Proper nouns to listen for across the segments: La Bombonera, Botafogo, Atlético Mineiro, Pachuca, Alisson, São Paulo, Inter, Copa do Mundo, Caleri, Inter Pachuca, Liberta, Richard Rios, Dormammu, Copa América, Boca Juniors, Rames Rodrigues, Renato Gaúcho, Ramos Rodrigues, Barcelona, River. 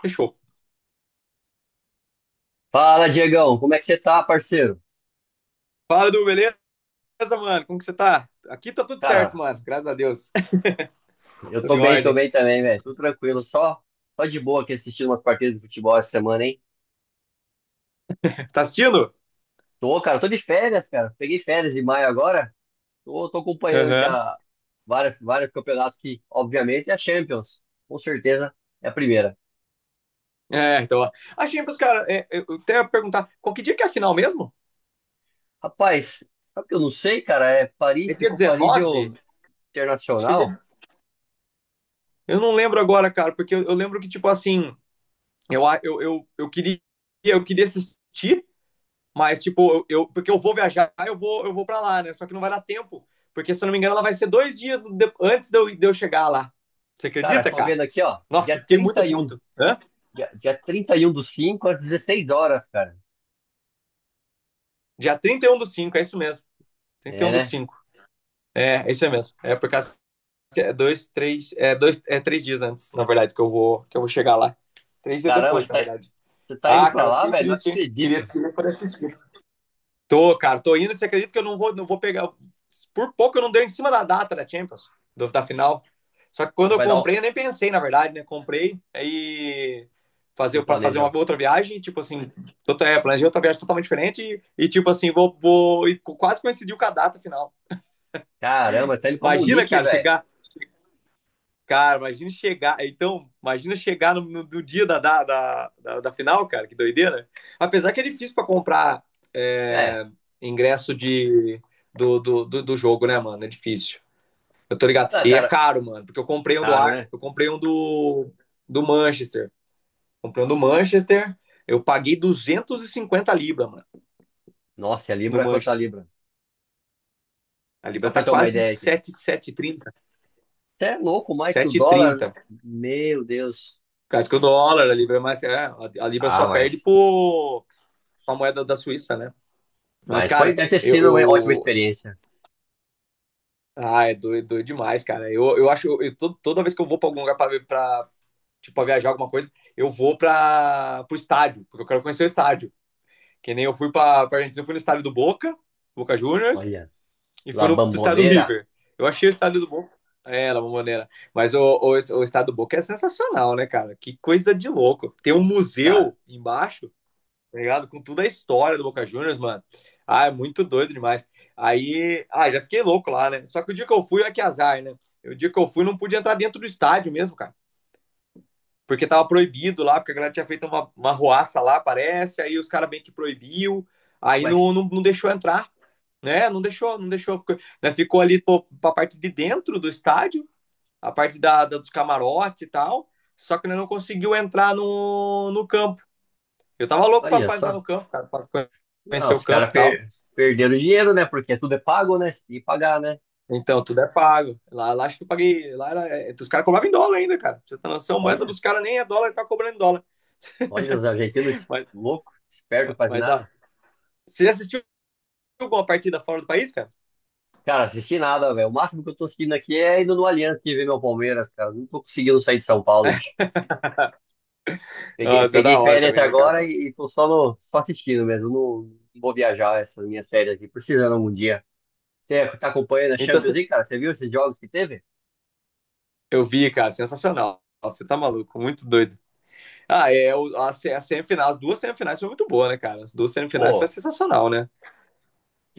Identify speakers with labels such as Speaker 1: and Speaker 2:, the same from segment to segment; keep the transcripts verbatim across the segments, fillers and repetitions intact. Speaker 1: Fechou.
Speaker 2: Fala, Diegão, como é que você tá, parceiro?
Speaker 1: Fala, Du, beleza, mano? Como que você tá? Aqui tá tudo certo,
Speaker 2: Cara,
Speaker 1: mano. Graças a Deus.
Speaker 2: eu
Speaker 1: Tudo em
Speaker 2: tô bem, tô
Speaker 1: ordem.
Speaker 2: bem também, velho. Tudo tranquilo, só, só de boa aqui assistindo umas partidas de futebol essa semana, hein?
Speaker 1: Tá assistindo?
Speaker 2: Tô, cara, tô de férias, cara. Peguei férias em maio agora. Tô, tô acompanhando aqui
Speaker 1: Aham.
Speaker 2: a, várias, vários campeonatos que, obviamente, é a Champions. Com certeza é a primeira.
Speaker 1: É, então, ó. A Champions, cara, é, eu eu até ia perguntar, qual que dia que é a final mesmo?
Speaker 2: Rapaz, sabe o que eu não sei, cara? É Paris,
Speaker 1: É dia
Speaker 2: ficou Paris e o
Speaker 1: dezenove? Acho que é dia...
Speaker 2: Internacional.
Speaker 1: de- Eu não lembro agora, cara, porque eu, eu lembro que, tipo, assim, eu, a- eu, eu, eu queria, eu queria assistir, mas, tipo, eu, eu- porque eu vou viajar, eu vou, eu vou pra lá, né? Só que não vai dar tempo, porque, se eu não me engano, ela vai ser dois dias de- antes de eu, de eu chegar lá. Você
Speaker 2: Cara,
Speaker 1: acredita,
Speaker 2: tô
Speaker 1: cara?
Speaker 2: vendo aqui, ó,
Speaker 1: Nossa,
Speaker 2: dia
Speaker 1: fiquei
Speaker 2: trinta
Speaker 1: muito
Speaker 2: e um,
Speaker 1: puto. Hã?
Speaker 2: Dia, dia trinta e um do cinco às dezesseis horas, cara.
Speaker 1: Dia trinta e um do cinco é isso mesmo.
Speaker 2: É,
Speaker 1: trinta e um do
Speaker 2: né?
Speaker 1: cinco. É, é isso mesmo. É por causa que é dois, três, é dois, é três dias antes, na verdade, que eu vou, que eu vou chegar lá. Três dias
Speaker 2: Caramba,
Speaker 1: depois, na
Speaker 2: você
Speaker 1: verdade.
Speaker 2: tá indo
Speaker 1: Ah,
Speaker 2: pra
Speaker 1: cara,
Speaker 2: lá,
Speaker 1: fiquei
Speaker 2: velho? Não
Speaker 1: triste, hein? Queria,
Speaker 2: acredito.
Speaker 1: queria poder assistir. Tô, cara, tô indo. Você acredita que eu não vou, não vou pegar. Por pouco eu não dei em cima da data da Champions, do- da final. Só que quando
Speaker 2: Você
Speaker 1: eu
Speaker 2: vai dar um.
Speaker 1: comprei, eu nem pensei, na verdade, né? Comprei, aí
Speaker 2: Não
Speaker 1: fazer para fazer
Speaker 2: planejou.
Speaker 1: uma outra viagem, tipo assim, tota- é, planejei outra viagem totalmente diferente e, e, tipo assim, vou, vou e co- quase coincidiu com a data final.
Speaker 2: Caramba, tá indo pra
Speaker 1: Imagina,
Speaker 2: Munique,
Speaker 1: cara,
Speaker 2: velho.
Speaker 1: chegar Cara, imagina chegar. Então, imagina chegar no, no- no dia da, da, da, da- da final, cara, que doideira. Apesar que é difícil pra comprar,
Speaker 2: É,
Speaker 1: é, ingresso de, do, do, do, do jogo, né, mano? É difícil. Eu tô ligado.
Speaker 2: tá
Speaker 1: E é
Speaker 2: cara,
Speaker 1: caro, mano, porque eu comprei um do
Speaker 2: caro,
Speaker 1: Ar,
Speaker 2: né?
Speaker 1: eu comprei um do, do Manchester. Comprei um do Manchester, eu paguei duzentos e cinquenta libras, mano,
Speaker 2: Nossa, e a
Speaker 1: no
Speaker 2: Libra quanto a
Speaker 1: Manchester.
Speaker 2: Libra?
Speaker 1: A
Speaker 2: Só
Speaker 1: libra
Speaker 2: pra eu
Speaker 1: tá
Speaker 2: ter uma
Speaker 1: quase
Speaker 2: ideia aqui.
Speaker 1: sete sete 7,30.
Speaker 2: Você é louco mais que o dólar?
Speaker 1: sete e trinta. Por
Speaker 2: Meu Deus.
Speaker 1: causa que o dólar, a libra é mais. É, a a libra
Speaker 2: Ah,
Speaker 1: só perde
Speaker 2: mas.
Speaker 1: por uma moeda da Suíça, né? Mas,
Speaker 2: Mas foi,
Speaker 1: cara,
Speaker 2: deve ter
Speaker 1: eu.
Speaker 2: sido uma ótima
Speaker 1: eu...
Speaker 2: experiência.
Speaker 1: Ah, é doido, doido demais, cara. Eu, eu acho. Eu, to- toda vez que eu vou pra algum lugar pra, ver- pra, tipo, pra viajar alguma coisa, eu vou pra, pro estádio, porque eu quero conhecer o estádio. Que nem eu fui pra, pra Argentina, eu fui no estádio do Boca, Boca Juniors,
Speaker 2: Olha,
Speaker 1: e fui
Speaker 2: La
Speaker 1: no estádio do
Speaker 2: Bamboneira.
Speaker 1: River. Eu achei o estádio do Boca. É, La Bombonera. Mas o, o, o estádio do Boca é sensacional, né, cara? Que coisa de louco. Tem um
Speaker 2: Cara,
Speaker 1: museu embaixo, tá ligado? Com toda a história do Boca Juniors, mano. Ah, é muito doido demais. Aí, ah, já fiquei louco lá, né? Só que o dia que eu fui, é que azar, né? O dia que eu fui, não pude entrar dentro do estádio mesmo, cara. Porque tava proibido lá, porque a galera tinha feito uma, uma ruaça lá, parece. Aí os caras bem que proibiu. Aí
Speaker 2: ué,
Speaker 1: não, não, não deixou entrar, né? Não deixou, não deixou. Ficou, né? Ficou ali pô, pra parte de dentro do estádio, a parte da, da dos camarotes e tal. Só que né, não conseguiu entrar no, no campo, eu tava louco pra,
Speaker 2: olha
Speaker 1: pra entrar
Speaker 2: só.
Speaker 1: no campo, cara, pra
Speaker 2: Ah,
Speaker 1: conhecer
Speaker 2: os
Speaker 1: o campo
Speaker 2: caras
Speaker 1: e tal.
Speaker 2: per, perderam dinheiro, né? Porque tudo é pago, né? E pagar, né?
Speaker 1: Então, tudo é pago. Lá, lá acho que eu paguei. Lá era, é, os caras cobravam em dólar ainda, cara. Pra você tá noção, a moeda
Speaker 2: Olha,
Speaker 1: dos caras nem é dólar, tá cobrando em dólar.
Speaker 2: olha os argentinos,
Speaker 1: Mas,
Speaker 2: louco, esperto, quase
Speaker 1: mas
Speaker 2: nada.
Speaker 1: dá. Você já assistiu alguma partida fora do país, cara?
Speaker 2: Cara, assisti nada, velho. O máximo que eu tô assistindo aqui é indo no Allianz que ver meu Palmeiras, cara. Não tô conseguindo sair de São Paulo, bicho.
Speaker 1: Ah,
Speaker 2: Peguei,
Speaker 1: isso é
Speaker 2: peguei
Speaker 1: da hora
Speaker 2: férias
Speaker 1: também, né, cara?
Speaker 2: agora e, e tô só, no, só assistindo mesmo. Não, não vou viajar essas minhas férias aqui, precisando algum dia. Você tá acompanhando a
Speaker 1: Então,
Speaker 2: Champions
Speaker 1: cê-
Speaker 2: League, cara? Você viu esses jogos que teve?
Speaker 1: eu vi, cara, sensacional. Você tá maluco, muito doido. Ah, é, o- a, se- a semifinal, as duas semifinais foi muito boa, né, cara? As duas semifinais foi
Speaker 2: Pô,
Speaker 1: sensacional, né?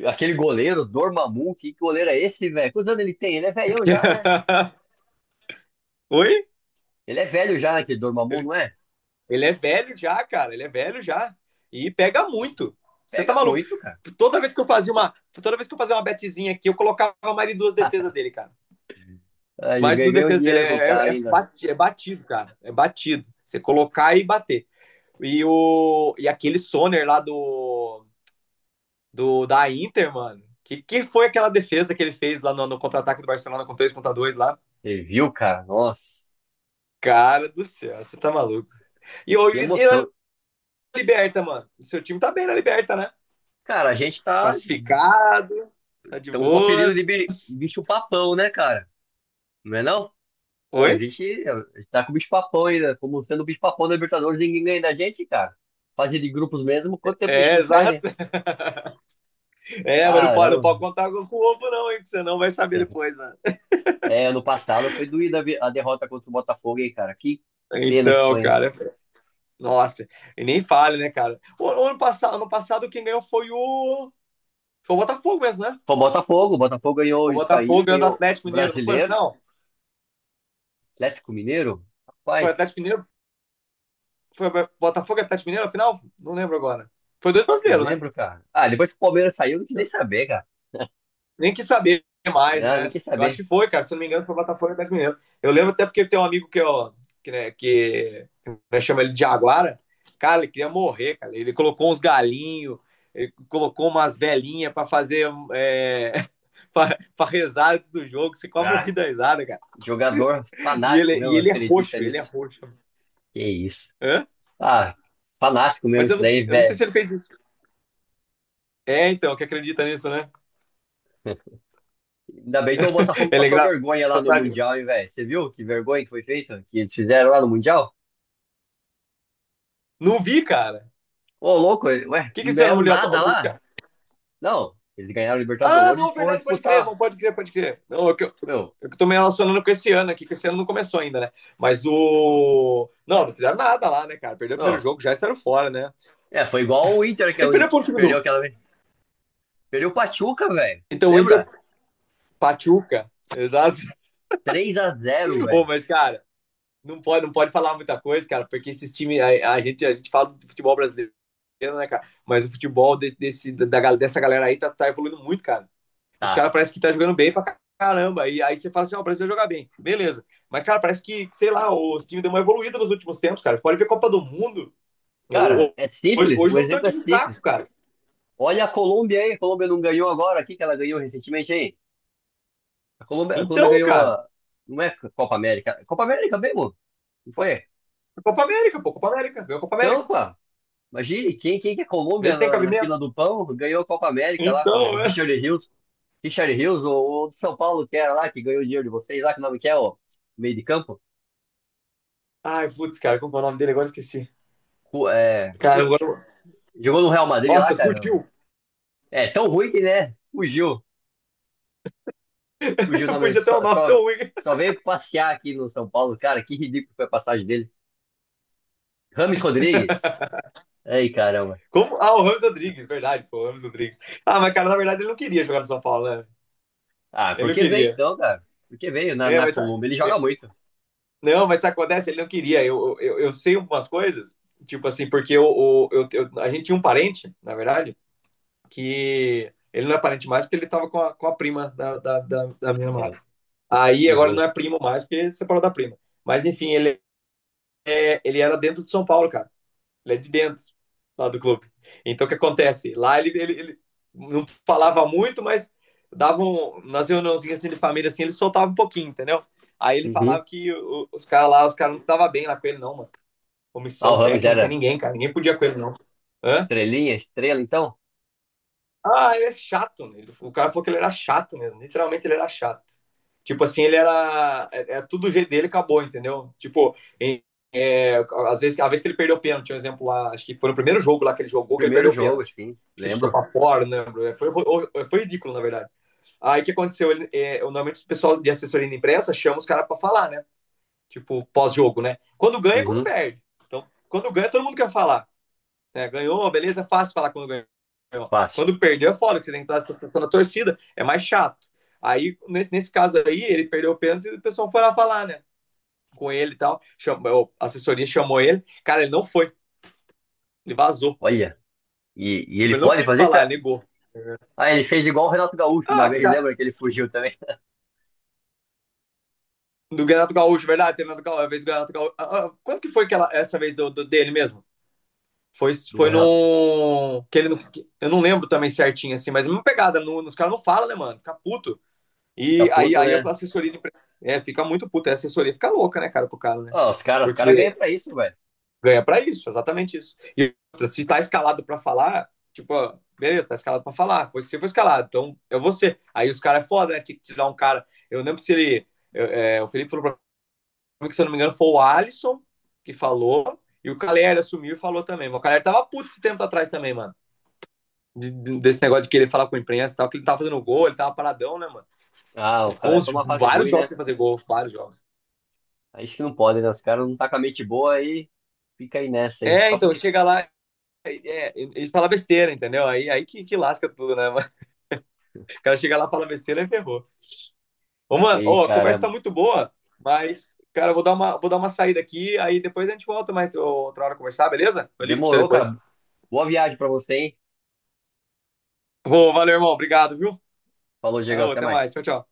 Speaker 2: aquele goleiro, Dormammu, que goleiro é esse, velho? Quantos anos ele tem? Ele é velhão já, né?
Speaker 1: Oi?
Speaker 2: Ele é velho já, né, aquele Dormammu,
Speaker 1: Ele
Speaker 2: não é?
Speaker 1: Ele é velho já, cara. Ele é velho já. E pega muito. Você tá
Speaker 2: Pega
Speaker 1: maluco?
Speaker 2: muito, cara.
Speaker 1: Toda vez que eu fazia uma. Toda vez que eu fazia uma betezinha aqui, eu colocava mais de duas defesas dele, cara.
Speaker 2: Ah, ele
Speaker 1: Mais de duas
Speaker 2: ganhou
Speaker 1: defesas dele.
Speaker 2: dinheiro com o
Speaker 1: É,
Speaker 2: cara
Speaker 1: é, é
Speaker 2: ainda.
Speaker 1: batido, é batido, cara. É batido. Você colocar e bater. E, o, e aquele Soner lá do, do da Inter, mano. Que, que foi aquela defesa que ele fez lá no, no contra-ataque do Barcelona com três contra dois lá?
Speaker 2: Você viu, cara? Nossa,
Speaker 1: Cara do céu, você tá maluco. E, e,
Speaker 2: que
Speaker 1: e na
Speaker 2: emoção.
Speaker 1: Liberta, mano. O seu time tá bem na Liberta, né?
Speaker 2: Cara, a gente tá
Speaker 1: Classificado, tá de
Speaker 2: Estamos com o apelido
Speaker 1: boa.
Speaker 2: de bi- bicho papão, né, cara? Não é não? Pô,
Speaker 1: Oi?
Speaker 2: a gente a gente tá com o bicho papão ainda. Como sendo o bicho papão da Libertadores, ninguém ganha da gente, cara. Fase de grupos mesmo, quanto tempo que a gente
Speaker 1: É,
Speaker 2: não perde?
Speaker 1: exato. É, mas não pode, não
Speaker 2: Caramba.
Speaker 1: pode contar com o ovo, não, hein? Que você não vai saber depois, mano.
Speaker 2: É, ano passado foi doída a vi- a derrota contra o Botafogo, hein, cara? Que, que pena que
Speaker 1: Então,
Speaker 2: foi, hein?
Speaker 1: cara, nossa, e nem fale, né, cara? O, o ano passado, ano passado, quem ganhou foi o. Foi o Botafogo mesmo, né?
Speaker 2: Pô, Botafogo, o Botafogo ganhou
Speaker 1: O
Speaker 2: isso
Speaker 1: Botafogo
Speaker 2: aí,
Speaker 1: ganhou do
Speaker 2: ganhou
Speaker 1: Atlético
Speaker 2: o
Speaker 1: Mineiro, não foi no
Speaker 2: Brasileiro,
Speaker 1: final?
Speaker 2: Atlético Mineiro.
Speaker 1: Foi o
Speaker 2: Rapaz,
Speaker 1: Atlético Mineiro? Foi o Botafogo e Atlético Mineiro no final? Não lembro agora. Foi dois
Speaker 2: não
Speaker 1: brasileiros, né?
Speaker 2: lembro, cara. Ah, depois que o Palmeiras saiu, eu não quis nem saber, cara.
Speaker 1: Nem quis saber mais,
Speaker 2: Ah, não
Speaker 1: né?
Speaker 2: quis
Speaker 1: Eu acho
Speaker 2: saber.
Speaker 1: que foi, cara. Se eu não me engano, foi o Botafogo e o Atlético Mineiro. Eu lembro até porque tem um amigo que, ó, que, né, que né, chama ele de Jaguara. Cara, ele queria morrer, cara. Ele colocou uns galinhos, ele colocou umas velhinhas para fazer é, para rezar antes do jogo, você quase
Speaker 2: Ah,
Speaker 1: morri da risada, cara.
Speaker 2: jogador
Speaker 1: E
Speaker 2: fanático
Speaker 1: ele, e
Speaker 2: mesmo,
Speaker 1: ele é
Speaker 2: acredita
Speaker 1: roxo, ele é
Speaker 2: nisso.
Speaker 1: roxo.
Speaker 2: Que isso.
Speaker 1: Hã?
Speaker 2: Ah, fanático mesmo
Speaker 1: Mas eu
Speaker 2: isso
Speaker 1: não,
Speaker 2: daí,
Speaker 1: eu não sei
Speaker 2: velho.
Speaker 1: se ele fez isso. É, então, que acredita nisso, né?
Speaker 2: Ainda bem que o Botafogo
Speaker 1: Ele é
Speaker 2: passou vergonha lá no
Speaker 1: engraçado.
Speaker 2: Mundial, hein, velho. Você viu que vergonha que foi feita? Que eles fizeram lá no Mundial?
Speaker 1: Não vi, cara.
Speaker 2: Ô, louco,
Speaker 1: O
Speaker 2: ué,
Speaker 1: que, que
Speaker 2: não
Speaker 1: isso era no
Speaker 2: ganharam
Speaker 1: Mundial?
Speaker 2: nada lá? Não, eles ganharam o
Speaker 1: Ah,
Speaker 2: Libertadores e
Speaker 1: não,
Speaker 2: foram
Speaker 1: verdade, pode crer,
Speaker 2: disputar.
Speaker 1: não pode crer, pode crer. Não, eu, que- eu
Speaker 2: Meu,
Speaker 1: é que tô me relacionando com esse ano aqui, que esse ano não começou ainda, né? Mas o. Não, não fizeram nada lá, né, cara? Perdeu o primeiro
Speaker 2: ó,
Speaker 1: jogo, já estavam fora, né?
Speaker 2: é, foi igual o Inter que
Speaker 1: Eles perderam para o time do.
Speaker 2: perdeu aquela vez. Perdeu o Pachuca, velho.
Speaker 1: Então o Inter
Speaker 2: Lembra?
Speaker 1: Pachuca, exato.
Speaker 2: Três a zero,
Speaker 1: Ô,
Speaker 2: velho.
Speaker 1: mas, cara, não pode, não pode falar muita coisa, cara, porque esses times. A, a gente, a gente fala do futebol brasileiro, né, cara? Mas o futebol de- desse, da, da- dessa galera aí tá, tá evoluindo muito, cara. Os
Speaker 2: Tá.
Speaker 1: caras parecem que tá jogando bem pra caramba. E aí você fala assim, ó, oh, o Brasil vai jogar bem. Beleza. Mas, cara, parece que, sei lá, os times deu uma evoluída nos últimos tempos, cara. Você pode ver Copa do Mundo. Eu,
Speaker 2: Cara, é
Speaker 1: hoje,
Speaker 2: simples,
Speaker 1: hoje
Speaker 2: o
Speaker 1: não tem um
Speaker 2: exemplo é
Speaker 1: time fraco,
Speaker 2: simples.
Speaker 1: cara.
Speaker 2: Olha a Colômbia aí, a Colômbia não ganhou agora, aqui que ela ganhou recentemente aí? A Colômbia, a Colômbia
Speaker 1: Então,
Speaker 2: ganhou.
Speaker 1: cara,
Speaker 2: a- Não é Copa América. Copa América mesmo? Não foi?
Speaker 1: Copa América, pô, Copa América, ganhou Copa
Speaker 2: Então,
Speaker 1: América.
Speaker 2: pô, imagine quem, quem que é
Speaker 1: Vê
Speaker 2: Colômbia
Speaker 1: se tem
Speaker 2: na, na fila
Speaker 1: cabimento.
Speaker 2: do pão ganhou a Copa América lá com o
Speaker 1: Então, é.
Speaker 2: Richard Rios. Richard Rios, o, o do São Paulo, que era lá, que ganhou o dinheiro de vocês lá, que nome que é, o meio de campo.
Speaker 1: Ai, putz, cara, como é o nome dele? Agora esqueci.
Speaker 2: Cu- É,
Speaker 1: Cara,
Speaker 2: putz,
Speaker 1: agora.
Speaker 2: jogou no Real Madrid lá,
Speaker 1: Nossa,
Speaker 2: cara.
Speaker 1: fugiu.
Speaker 2: É tão ruim que, né? Fugiu. Fugiu o nome.
Speaker 1: Fugiu até o
Speaker 2: Só,
Speaker 1: nome
Speaker 2: só,
Speaker 1: tão ruim.
Speaker 2: só veio passear aqui no São Paulo, cara. Que ridículo foi a passagem dele. Rames Rodrigues. Ei, caramba.
Speaker 1: Como? Ah, o Ramos Rodrigues, verdade, pô, o Ramos Rodrigues. Ah, mas, cara, na verdade ele não queria jogar no São Paulo, né?
Speaker 2: Ah,
Speaker 1: Ele não
Speaker 2: porque veio
Speaker 1: queria.
Speaker 2: então, cara. Porque veio na,
Speaker 1: É,
Speaker 2: na
Speaker 1: mas.
Speaker 2: Colômbia, ele
Speaker 1: é,
Speaker 2: joga muito.
Speaker 1: Não, mas sabe o que acontece, ele não queria. Eu, eu, eu sei umas coisas, tipo assim, porque eu, eu, eu- a gente tinha um parente, na verdade, que ele não é parente mais porque ele tava com a, com a prima da, da, da, da minha
Speaker 2: É,
Speaker 1: namorada. Aí
Speaker 2: que
Speaker 1: agora ele
Speaker 2: rola.
Speaker 1: não é primo mais porque separou da prima. Mas enfim, ele, é, ele era dentro de São Paulo, cara. Ele é de dentro, lá do clube. Então, o que acontece? Lá ele, ele, ele não falava muito, mas davam, um, nas reuniãozinhas assim, de família, assim, ele soltava um pouquinho, entendeu? Aí ele
Speaker 2: Uhum.
Speaker 1: falava que o, os caras lá, os caras não estavam bem lá com ele, não, mano.
Speaker 2: Ah, o
Speaker 1: Comissão
Speaker 2: Rames
Speaker 1: técnica,
Speaker 2: era
Speaker 1: ninguém, cara. Ninguém podia com ele, não. Hã?
Speaker 2: estrelinha, estrela, então.
Speaker 1: Ah, ele é chato, né? Ele- o cara falou que ele era chato mesmo. Literalmente ele era chato. Tipo assim, ele era. É, é tudo o jeito dele acabou, entendeu? Tipo, em- é, às vezes, a vez que ele perdeu o pênalti, um exemplo lá, acho que foi no primeiro jogo lá que ele jogou que ele
Speaker 2: Primeiro
Speaker 1: perdeu o
Speaker 2: jogo,
Speaker 1: pênalti.
Speaker 2: sim,
Speaker 1: Acho que ele chutou
Speaker 2: lembro.
Speaker 1: pra fora, não lembro. É, Foi, ro- foi ridículo, na verdade. Aí o que aconteceu? Ele, é, normalmente o pessoal de assessoria de imprensa chama os caras pra falar, né? Tipo, pós-jogo, né? Quando ganha, e quando
Speaker 2: Uhum.
Speaker 1: perde. Então, quando ganha, todo mundo quer falar. É, ganhou, beleza, é fácil falar quando ganhou.
Speaker 2: Fácil.
Speaker 1: Quando perdeu é foda, que você tem que dar a sensação da torcida, é mais chato. Aí, nesse, nesse caso aí, ele perdeu o pênalti e o pessoal foi lá falar, né? Com ele e tal. Chamou, a assessoria chamou ele. Cara, ele não foi, ele vazou.
Speaker 2: Olha, e, e
Speaker 1: Tipo,
Speaker 2: ele
Speaker 1: ele não
Speaker 2: pode
Speaker 1: quis
Speaker 2: fazer isso?
Speaker 1: falar, ele negou. Uhum.
Speaker 2: Ah, ele fez igual o Renato Gaúcho uma
Speaker 1: Ah,
Speaker 2: vez,
Speaker 1: cara.
Speaker 2: lembra que ele fugiu também?
Speaker 1: Do Renato Gaúcho, verdade? Tem Renato Gaúcho, a vez do Renato Gaúcho. Ah, ah, que foi aquela, essa vez do, do- dele mesmo? Foi,
Speaker 2: Do
Speaker 1: foi
Speaker 2: Renato
Speaker 1: no. Que ele não- eu não lembro também certinho, assim, mas a mesma pegada. No, os caras não falam, né, mano? Fica puto.
Speaker 2: fica
Speaker 1: E aí,
Speaker 2: puto,
Speaker 1: aí a
Speaker 2: né?
Speaker 1: assessoria de imprensa é, fica muito puta. A assessoria fica louca, né, cara, pro cara, né?
Speaker 2: Ah, os caras, os caras
Speaker 1: Porque
Speaker 2: ganham pra isso, velho.
Speaker 1: ganha pra isso, exatamente isso. E outra, se tá escalado pra falar, tipo, ó, beleza, tá escalado pra falar. Você foi escalado, então é você. Aí os caras é foda, né? Tinha que tirar um cara. Eu lembro se ele. eu- é, o Felipe falou pra mim que, se eu não me engano, foi o Alisson que falou. E o Caleri assumiu e falou também. O Caleri tava puto esse tempo atrás também, mano. de- desse negócio de querer falar com a imprensa e tal, que ele tava fazendo gol, ele tava paradão, né, mano?
Speaker 2: Ah, o
Speaker 1: Ele ficou
Speaker 2: Calé tá
Speaker 1: uns,
Speaker 2: numa fase
Speaker 1: vários
Speaker 2: ruim,
Speaker 1: jogos
Speaker 2: né?
Speaker 1: sem fazer gol, vários jogos.
Speaker 2: Aí isso que não pode, né? Os caras não tá com a mente boa aí, fica aí nessa aí.
Speaker 1: É,
Speaker 2: Só
Speaker 1: então,
Speaker 2: porque.
Speaker 1: chega lá, é, eles falam besteira, entendeu? Aí, aí que, que lasca tudo, né? Mas O cara chega lá, fala besteira e ferrou. Ô, mano,
Speaker 2: Ei,
Speaker 1: ó, a conversa tá
Speaker 2: caramba.
Speaker 1: muito boa, mas, cara, eu vou dar uma, vou dar uma saída aqui, aí depois a gente volta mais outra hora conversar, beleza? Eu ligo pra você
Speaker 2: Demorou,
Speaker 1: depois.
Speaker 2: cara. Boa viagem pra você, hein?
Speaker 1: Ô, valeu, irmão, obrigado, viu?
Speaker 2: Falou, Diego,
Speaker 1: Alô,
Speaker 2: até
Speaker 1: até mais,
Speaker 2: mais.
Speaker 1: tchau, tchau.